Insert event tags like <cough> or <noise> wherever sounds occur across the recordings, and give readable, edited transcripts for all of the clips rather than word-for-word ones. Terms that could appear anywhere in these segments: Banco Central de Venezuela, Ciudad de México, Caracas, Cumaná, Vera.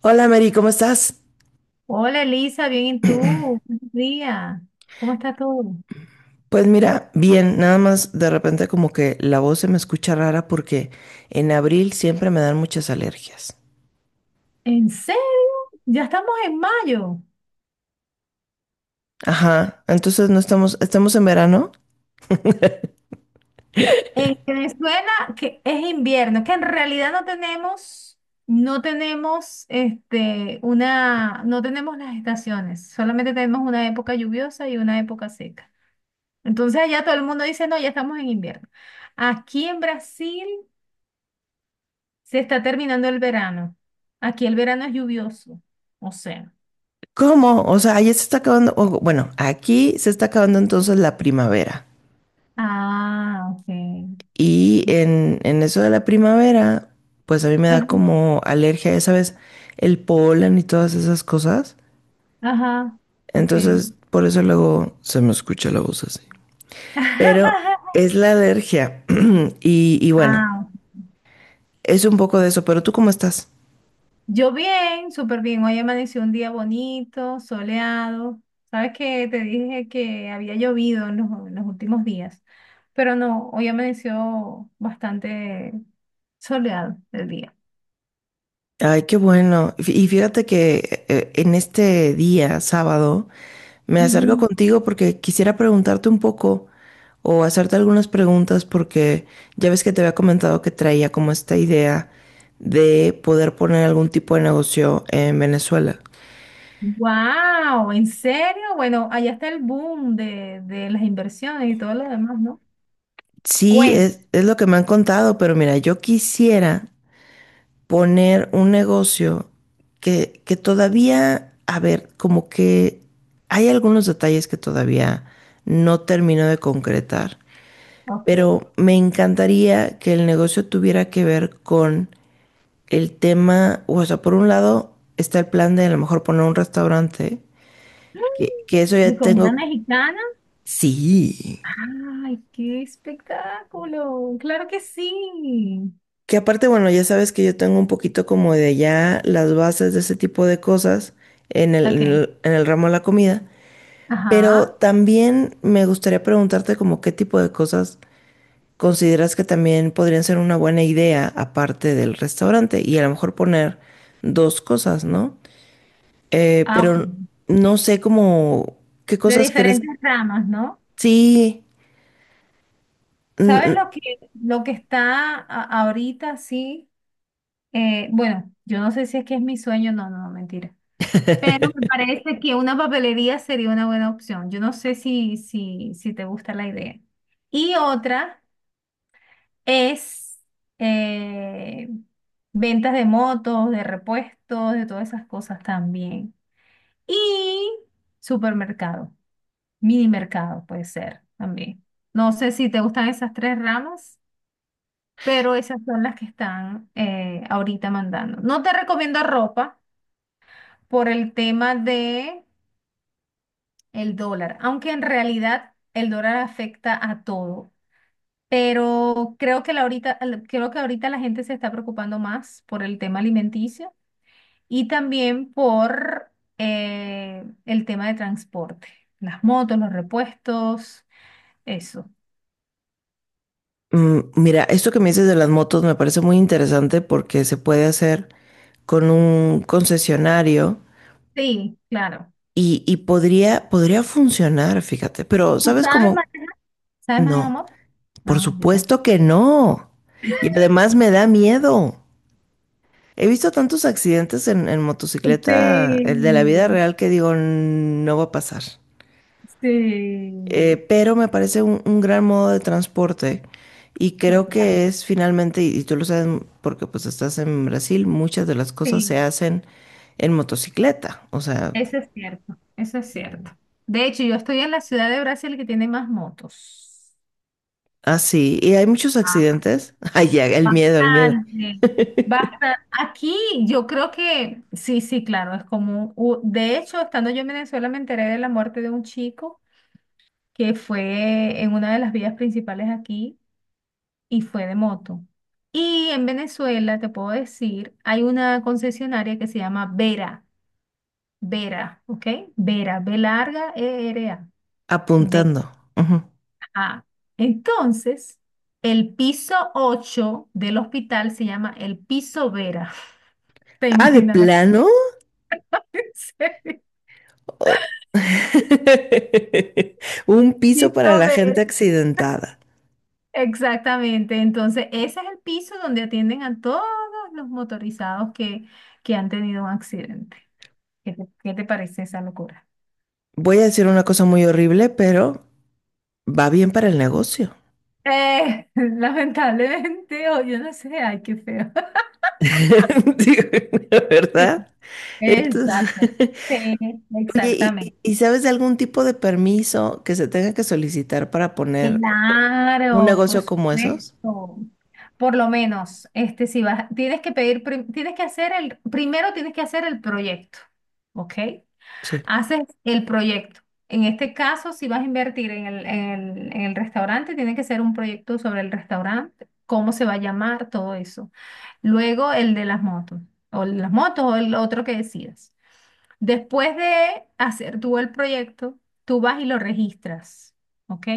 Hola Mary, ¿cómo estás? Hola Elisa, bien, ¿y tú? Buenos días. ¿Cómo está todo? Pues mira, bien, nada más de repente como que la voz se me escucha rara porque en abril siempre me dan muchas alergias. ¿En serio? Ya estamos en mayo. Ajá, entonces no, estamos en verano. En Venezuela que es invierno, que en realidad no tenemos, no tenemos una, no tenemos las estaciones, solamente tenemos una época lluviosa y una época seca. Entonces allá todo el mundo dice, no, ya estamos en invierno. Aquí en Brasil se está terminando el verano. Aquí el verano es lluvioso, o sea. ¿Cómo? O sea, ya se está acabando, o, bueno, aquí se está acabando entonces la primavera. Ah, ok. Y en eso de la primavera, pues a mí me da Ajá, como alergia, ya sabes, el polen y todas esas cosas. ajá, ok. Entonces, por eso luego se me escucha la voz así. Pero <laughs> es la alergia. <clears throat> Y bueno, Ah, es un poco de eso, pero ¿tú cómo estás? yo bien, súper bien. Hoy amaneció un día bonito, soleado. Sabes que te dije que había llovido en los últimos días, pero no, hoy amaneció bastante soleado el día. Ay, qué bueno. Y fíjate que en este día, sábado, me acerco Ujú. contigo porque quisiera preguntarte un poco o hacerte algunas preguntas porque ya ves que te había comentado que traía como esta idea de poder poner algún tipo de negocio en Venezuela. Wow, ¿en serio? Bueno, allá está el boom de las inversiones y todo lo demás, ¿no? Sí, Cuenta. es lo que me han contado, pero mira, yo quisiera poner un negocio que todavía, a ver, como que hay algunos detalles que todavía no termino de concretar, Ok. pero me encantaría que el negocio tuviera que ver con el tema, o sea, por un lado está el plan de a lo mejor poner un restaurante, que, <gasps> que eso ¿De ya comida tengo, mexicana? sí, ¡Ay, qué espectáculo! ¡Claro que sí! que aparte, bueno, ya sabes que yo tengo un poquito como de ya las bases de ese tipo de cosas en el, Ok, en el, en el ramo de la comida. Pero ajá. también me gustaría preguntarte como qué tipo de cosas consideras que también podrían ser una buena idea aparte del restaurante y a lo mejor poner dos cosas, ¿no? Eh, Ah, ok. pero no sé cómo, qué De cosas crees. diferentes ramas, ¿no? Sí. ¿Sabes mm, lo que está ahorita, sí? Bueno, yo no sé si es que es mi sueño, no, no, mentira. Pero me parece que una papelería sería una buena opción. Yo no sé si te gusta la idea. Y otra es eh, ventas de motos, de repuestos, de todas esas cosas también. Y supermercado, mini mercado puede ser también. No sé si te gustan esas tres ramas, pero esas son las que están ahorita mandando. No te recomiendo ropa por el tema de el dólar, aunque en realidad el dólar afecta a todo. Pero creo que creo que ahorita la gente se está preocupando más por el tema alimenticio y también por el tema de transporte, las motos, los repuestos. Eso. Mira, esto que me dices de las motos me parece muy interesante porque se puede hacer con un concesionario Sí, claro. y podría, funcionar, fíjate, pero ¿Tú ¿sabes sabes, cómo? ¿Sabes manejar No. moto? Por Ah, yo tampoco. supuesto que no. Y además me da miedo. He visto tantos accidentes en motocicleta, Sí, el de la vida real, que digo, no va a pasar. Eh, sí, pero me parece un gran modo de transporte y sí, creo claro, que es finalmente, y tú lo sabes porque pues estás en Brasil, muchas de las cosas sí. se hacen en motocicleta. O sea, Eso es cierto, eso es cierto. De hecho, yo estoy en la ciudad de Brasil que tiene más motos. así. Y hay muchos Ah, accidentes. <laughs> Ay, ya, el miedo, el miedo. bastante, bastante. Aquí yo creo que, sí, sí, claro, es común. De hecho, estando yo en Venezuela me enteré de la muerte de un chico que fue en una de las vías principales aquí, y fue de moto. Y en Venezuela, te puedo decir, hay una concesionaria que se llama Vera, Vera, ¿ok? Vera, B larga, E R A, Vera. Apuntando. Ujú. Entonces, el piso 8 del hospital se llama el piso Vera. <laughs> ¿Te Ah, de imaginarás? <laughs> plano. Sí, Oh. <laughs> Un piso para piso la Vera, gente accidentada. exactamente. Entonces, ese es el piso donde atienden a todos los motorizados que han tenido un accidente. Qué te parece esa locura? Voy a decir una cosa muy horrible, pero va bien para el negocio. <laughs> Lamentablemente, o yo no sé, ay, qué feo. <laughs> <laughs> Digo, ¿la Sí, verdad? Entonces, exacto. <laughs> Sí, oye, ¿y, exactamente. y- y sabes de algún tipo de permiso que se tenga que solicitar para poner un Claro, por negocio como esos? supuesto. Por lo menos, este, si vas, tienes que pedir, tienes que hacer el, primero tienes que hacer el proyecto, ¿ok? Sí. Haces el proyecto. En este caso, si vas a invertir en el, en el restaurante, tiene que ser un proyecto sobre el restaurante, cómo se va a llamar, todo eso. Luego el de las motos, o el de las motos, o el otro que decidas. Después de hacer tú el proyecto, tú vas y lo registras, ¿ok?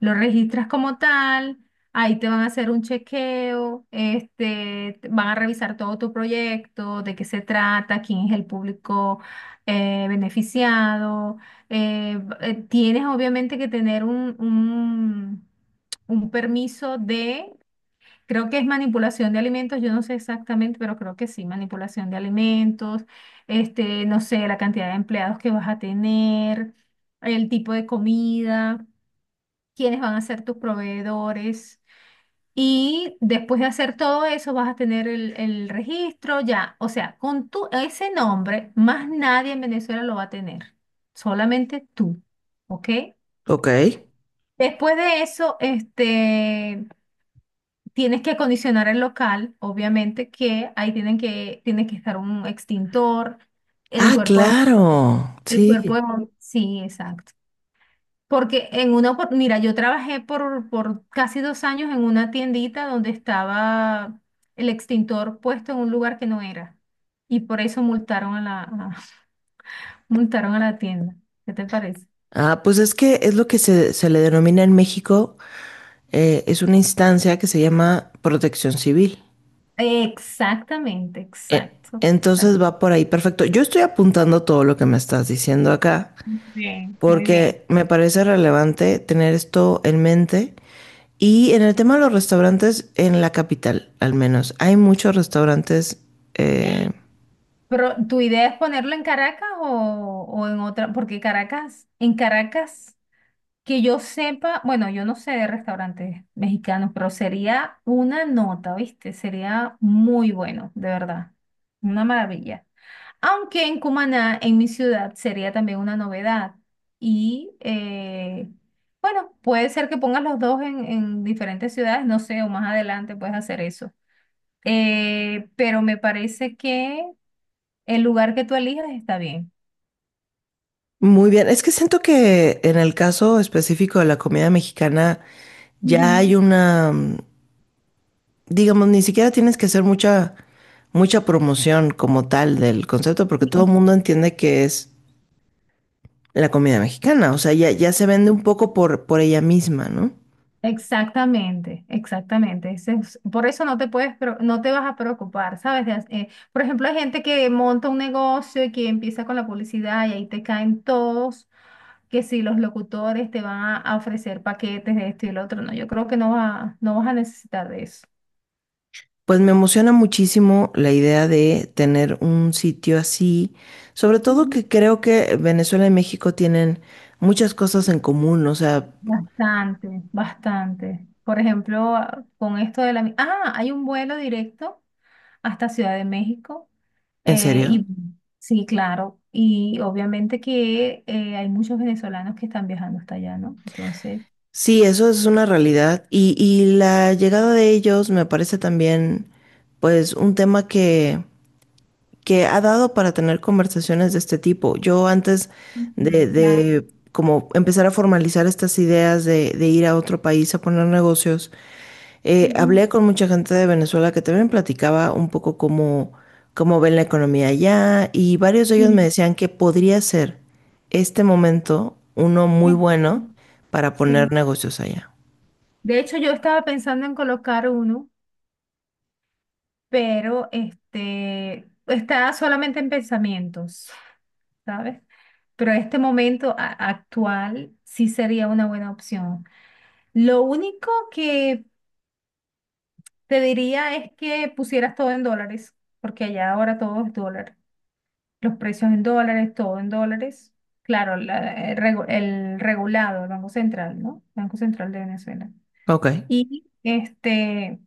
Lo registras como tal, ahí te van a hacer un chequeo, este, van a revisar todo tu proyecto, de qué se trata, quién es el público beneficiado. Tienes obviamente que tener un permiso de, creo que es manipulación de alimentos, yo no sé exactamente, pero creo que sí, manipulación de alimentos, este, no sé, la cantidad de empleados que vas a tener, el tipo de comida quiénes van a ser tus proveedores. Y después de hacer todo eso, vas a tener el registro ya. O sea, con tu, ese nombre, más nadie en Venezuela lo va a tener. Solamente tú. ¿Ok? Ok. Después de eso, este, tienes que acondicionar el local, obviamente, que ahí tienen que, tiene que estar un extintor, el Ah, cuerpo, claro. el cuerbo Sí. de, sí, exacto. Porque en una, mira, yo trabajé por casi 2 años en una tiendita donde estaba el extintor puesto en un lugar que no era. Y por eso multaron a <laughs> multaron a la tienda. ¿Qué te parece? Ah, pues es que es lo que se le denomina en México, es una instancia que se llama Protección Civil. Exactamente, E- exacto, exacto. Entonces va por ahí, perfecto. Yo estoy apuntando todo lo que me estás diciendo acá, Bien, muy bien. porque me parece relevante tener esto en mente. Y en el tema de los restaurantes, en la capital, al menos, hay muchos restaurantes. eh, Pero, ¿tu idea es ponerlo en Caracas o en otra? Porque Caracas, en Caracas. Que yo sepa, bueno, yo no sé de restaurantes mexicanos, pero sería una nota, ¿viste? Sería muy bueno, de verdad. Una maravilla. Aunque en Cumaná, en mi ciudad, sería también una novedad. Y eh, bueno, puede ser que pongas los dos en diferentes ciudades, no sé, o más adelante puedes hacer eso. Pero me parece que el lugar que tú elijas está bien. muy bien. Es que siento que en el caso específico de la comida mexicana, ya hay una, digamos, ni siquiera tienes que hacer mucha, mucha promoción como tal del concepto, porque todo el Ujú. mundo entiende que es la comida mexicana, o sea, ya se vende un poco por ella misma, ¿no? Exactamente, exactamente. Por eso no te puedes, no te vas a preocupar, ¿sabes? Por ejemplo, hay gente que monta un negocio y que empieza con la publicidad y ahí te caen todos, que si los locutores te van a ofrecer paquetes de esto y el otro, no, yo creo que no va, no vas a necesitar de eso. Pues me emociona muchísimo la idea de tener un sitio así, sobre todo que creo que Venezuela y México tienen muchas cosas en común, o sea, Bastante, bastante. Por ejemplo, con esto de la... Ah, hay un vuelo directo hasta Ciudad de México. ¿en serio? Y sí, claro. Y obviamente que hay muchos venezolanos que están viajando hasta allá, ¿no? Entonces... Sí, eso es una realidad y la llegada de ellos me parece también, pues, un tema que ha dado para tener conversaciones de este tipo. Yo antes Ujú, de, claro. de como empezar a formalizar estas ideas de ir a otro país a poner negocios, Ujú. hablé con mucha gente de Venezuela que también platicaba un poco cómo ven la economía allá y varios de ellos Y- me decían que podría ser este momento uno muy y- bueno para poner Sí. negocios allá. De hecho, yo estaba pensando en colocar uno, pero este está solamente en pensamientos. ¿Sabes? Pero este momento actual sí sería una buena opción. Lo único que te diría es que pusieras todo en dólares, porque allá ahora todo es dólar. Los precios en dólares, todo en dólares. Claro, el regulado, el Banco Central, ¿no? Banco Central de Venezuela. Ok. Y este,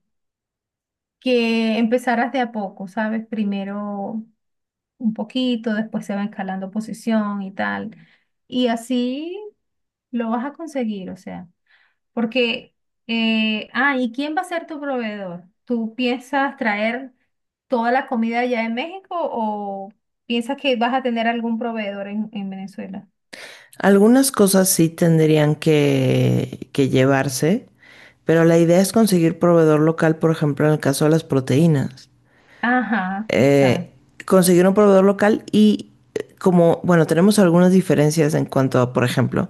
que empezaras de a poco, ¿sabes? Primero un poquito, después se va escalando posición y tal. Y así lo vas a conseguir, o sea, porque, ¿y quién va a ser tu proveedor? ¿Tú piensas traer toda la comida ya de México o piensas que vas a tener algún proveedor en Venezuela? Algunas cosas sí tendrían que llevarse, pero la idea es conseguir proveedor local, por ejemplo, en el caso de las proteínas. Ajá, eh, exacto. Conseguir un proveedor local y como, bueno, tenemos algunas diferencias en cuanto a, por ejemplo,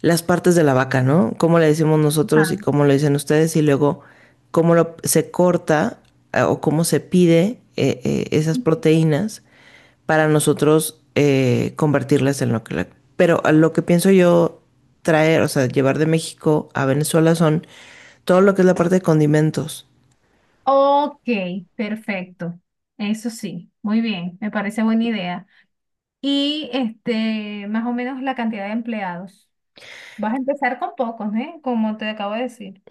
las partes de la vaca, ¿no? Cómo le decimos Ajá. nosotros y cómo lo dicen ustedes y luego cómo se corta, o cómo se pide esas proteínas para nosotros convertirlas en lo que... Pero a lo que pienso yo traer, o sea, llevar de México a Venezuela son todo lo que es la parte de condimentos. Ok, perfecto. Eso sí, muy bien, me parece buena idea. Y este, más o menos la cantidad de empleados. Vas a empezar con pocos, ¿eh? Como te acabo de decir.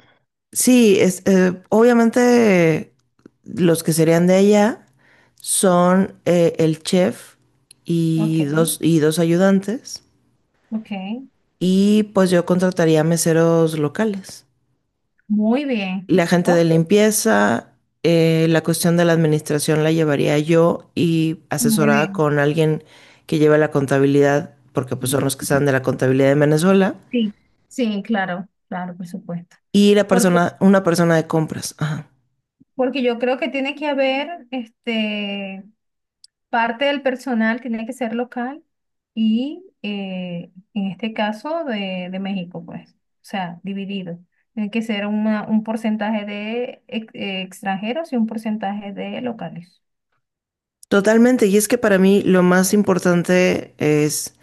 Sí, obviamente los que serían de allá son el chef Ok, y dos ayudantes. ok. Y pues yo contrataría meseros locales. Muy bien. La gente Ok. de limpieza, la cuestión de la administración la llevaría yo y Muy asesorada bien, con alguien que lleve la contabilidad, porque pues son los que saben de la contabilidad en Venezuela. sí, sí, claro, claro, por supuesto. Y Porque, una persona de compras. Ajá. porque yo creo que tiene que haber, este, parte del personal tiene que ser local y en este caso de México, pues, o sea, dividido. Tiene que ser un porcentaje de extranjeros y un porcentaje de locales. Totalmente, y es que para mí lo más importante es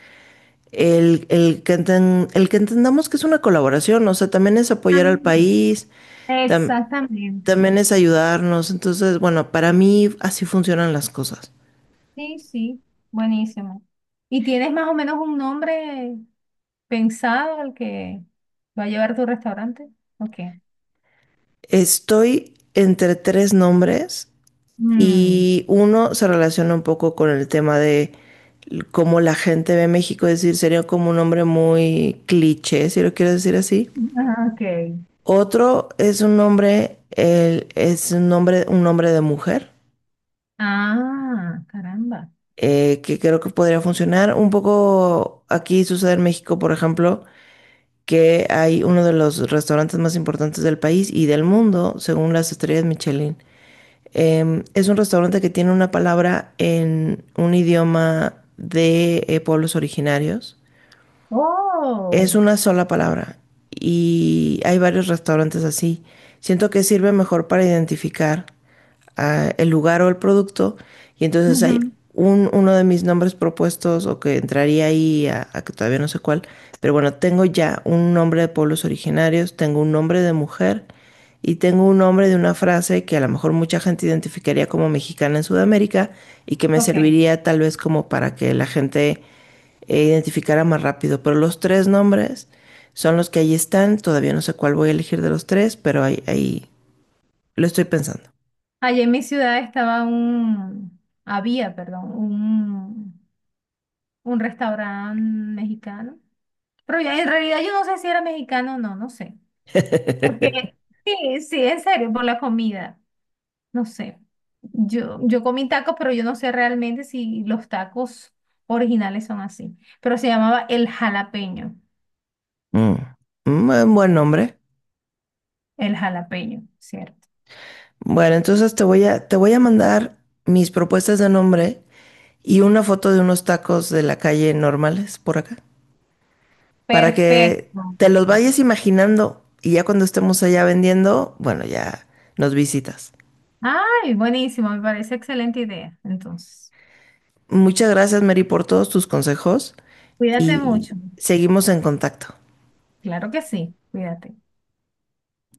el que entendamos que es una colaboración, o sea, también es apoyar al Ah, país, tam- exactamente, también es ayudarnos, entonces, bueno, para mí así funcionan las cosas. sí, sí, buenísimo. ¿Y tienes más o menos un nombre ¿pensado el que va a llevar tu restaurante? Ok. Estoy entre tres nombres Mm, y uno se relaciona un poco con el tema de cómo la gente ve México, es decir, sería como un nombre muy cliché, si lo quieres decir así. ah, ok. Otro es un nombre, un nombre de mujer, Ah, caramba. Que creo que podría funcionar. Un poco aquí sucede en México, por ejemplo, que hay uno de los restaurantes más importantes del país y del mundo, según las estrellas Michelin. Es un restaurante que tiene una palabra en un idioma de pueblos originarios. Es Oh. una sola palabra y hay varios restaurantes así. Siento que sirve mejor para identificar el lugar o el producto y entonces Ujú, hay uno de mis nombres propuestos o que entraría ahí a que todavía no sé cuál, pero bueno, tengo ya un nombre de pueblos originarios, tengo un nombre de mujer y tengo un nombre de una frase que a lo mejor mucha gente identificaría como mexicana en Sudamérica y que me ok. serviría tal vez como para que la gente identificara más rápido. Pero los tres nombres son los que ahí están. Todavía no sé cuál voy a elegir de los tres, pero ahí, ahí lo estoy pensando. Allí en mi ciudad estaba un, había, perdón, un restaurante mexicano. Pero ya, en realidad yo no sé si era mexicano o no, no sé. Porque, <laughs> sí, sí, en serio, por la comida. No sé. Yo comí tacos, pero yo no sé realmente si los tacos originales son así. Pero se llamaba el jalapeño. Mm. Mm, buen nombre. El jalapeño, ¿cierto? Bueno, entonces te voy a, mandar mis propuestas de nombre y una foto de unos tacos de la calle normales por acá. Para que Perfecto. te los vayas imaginando y ya cuando estemos allá vendiendo, bueno, ya nos visitas. Ay, buenísimo. Me parece excelente idea. Entonces, Muchas gracias, Mary, por todos tus consejos cuídate y mucho. seguimos en contacto. Claro que sí. Cuídate.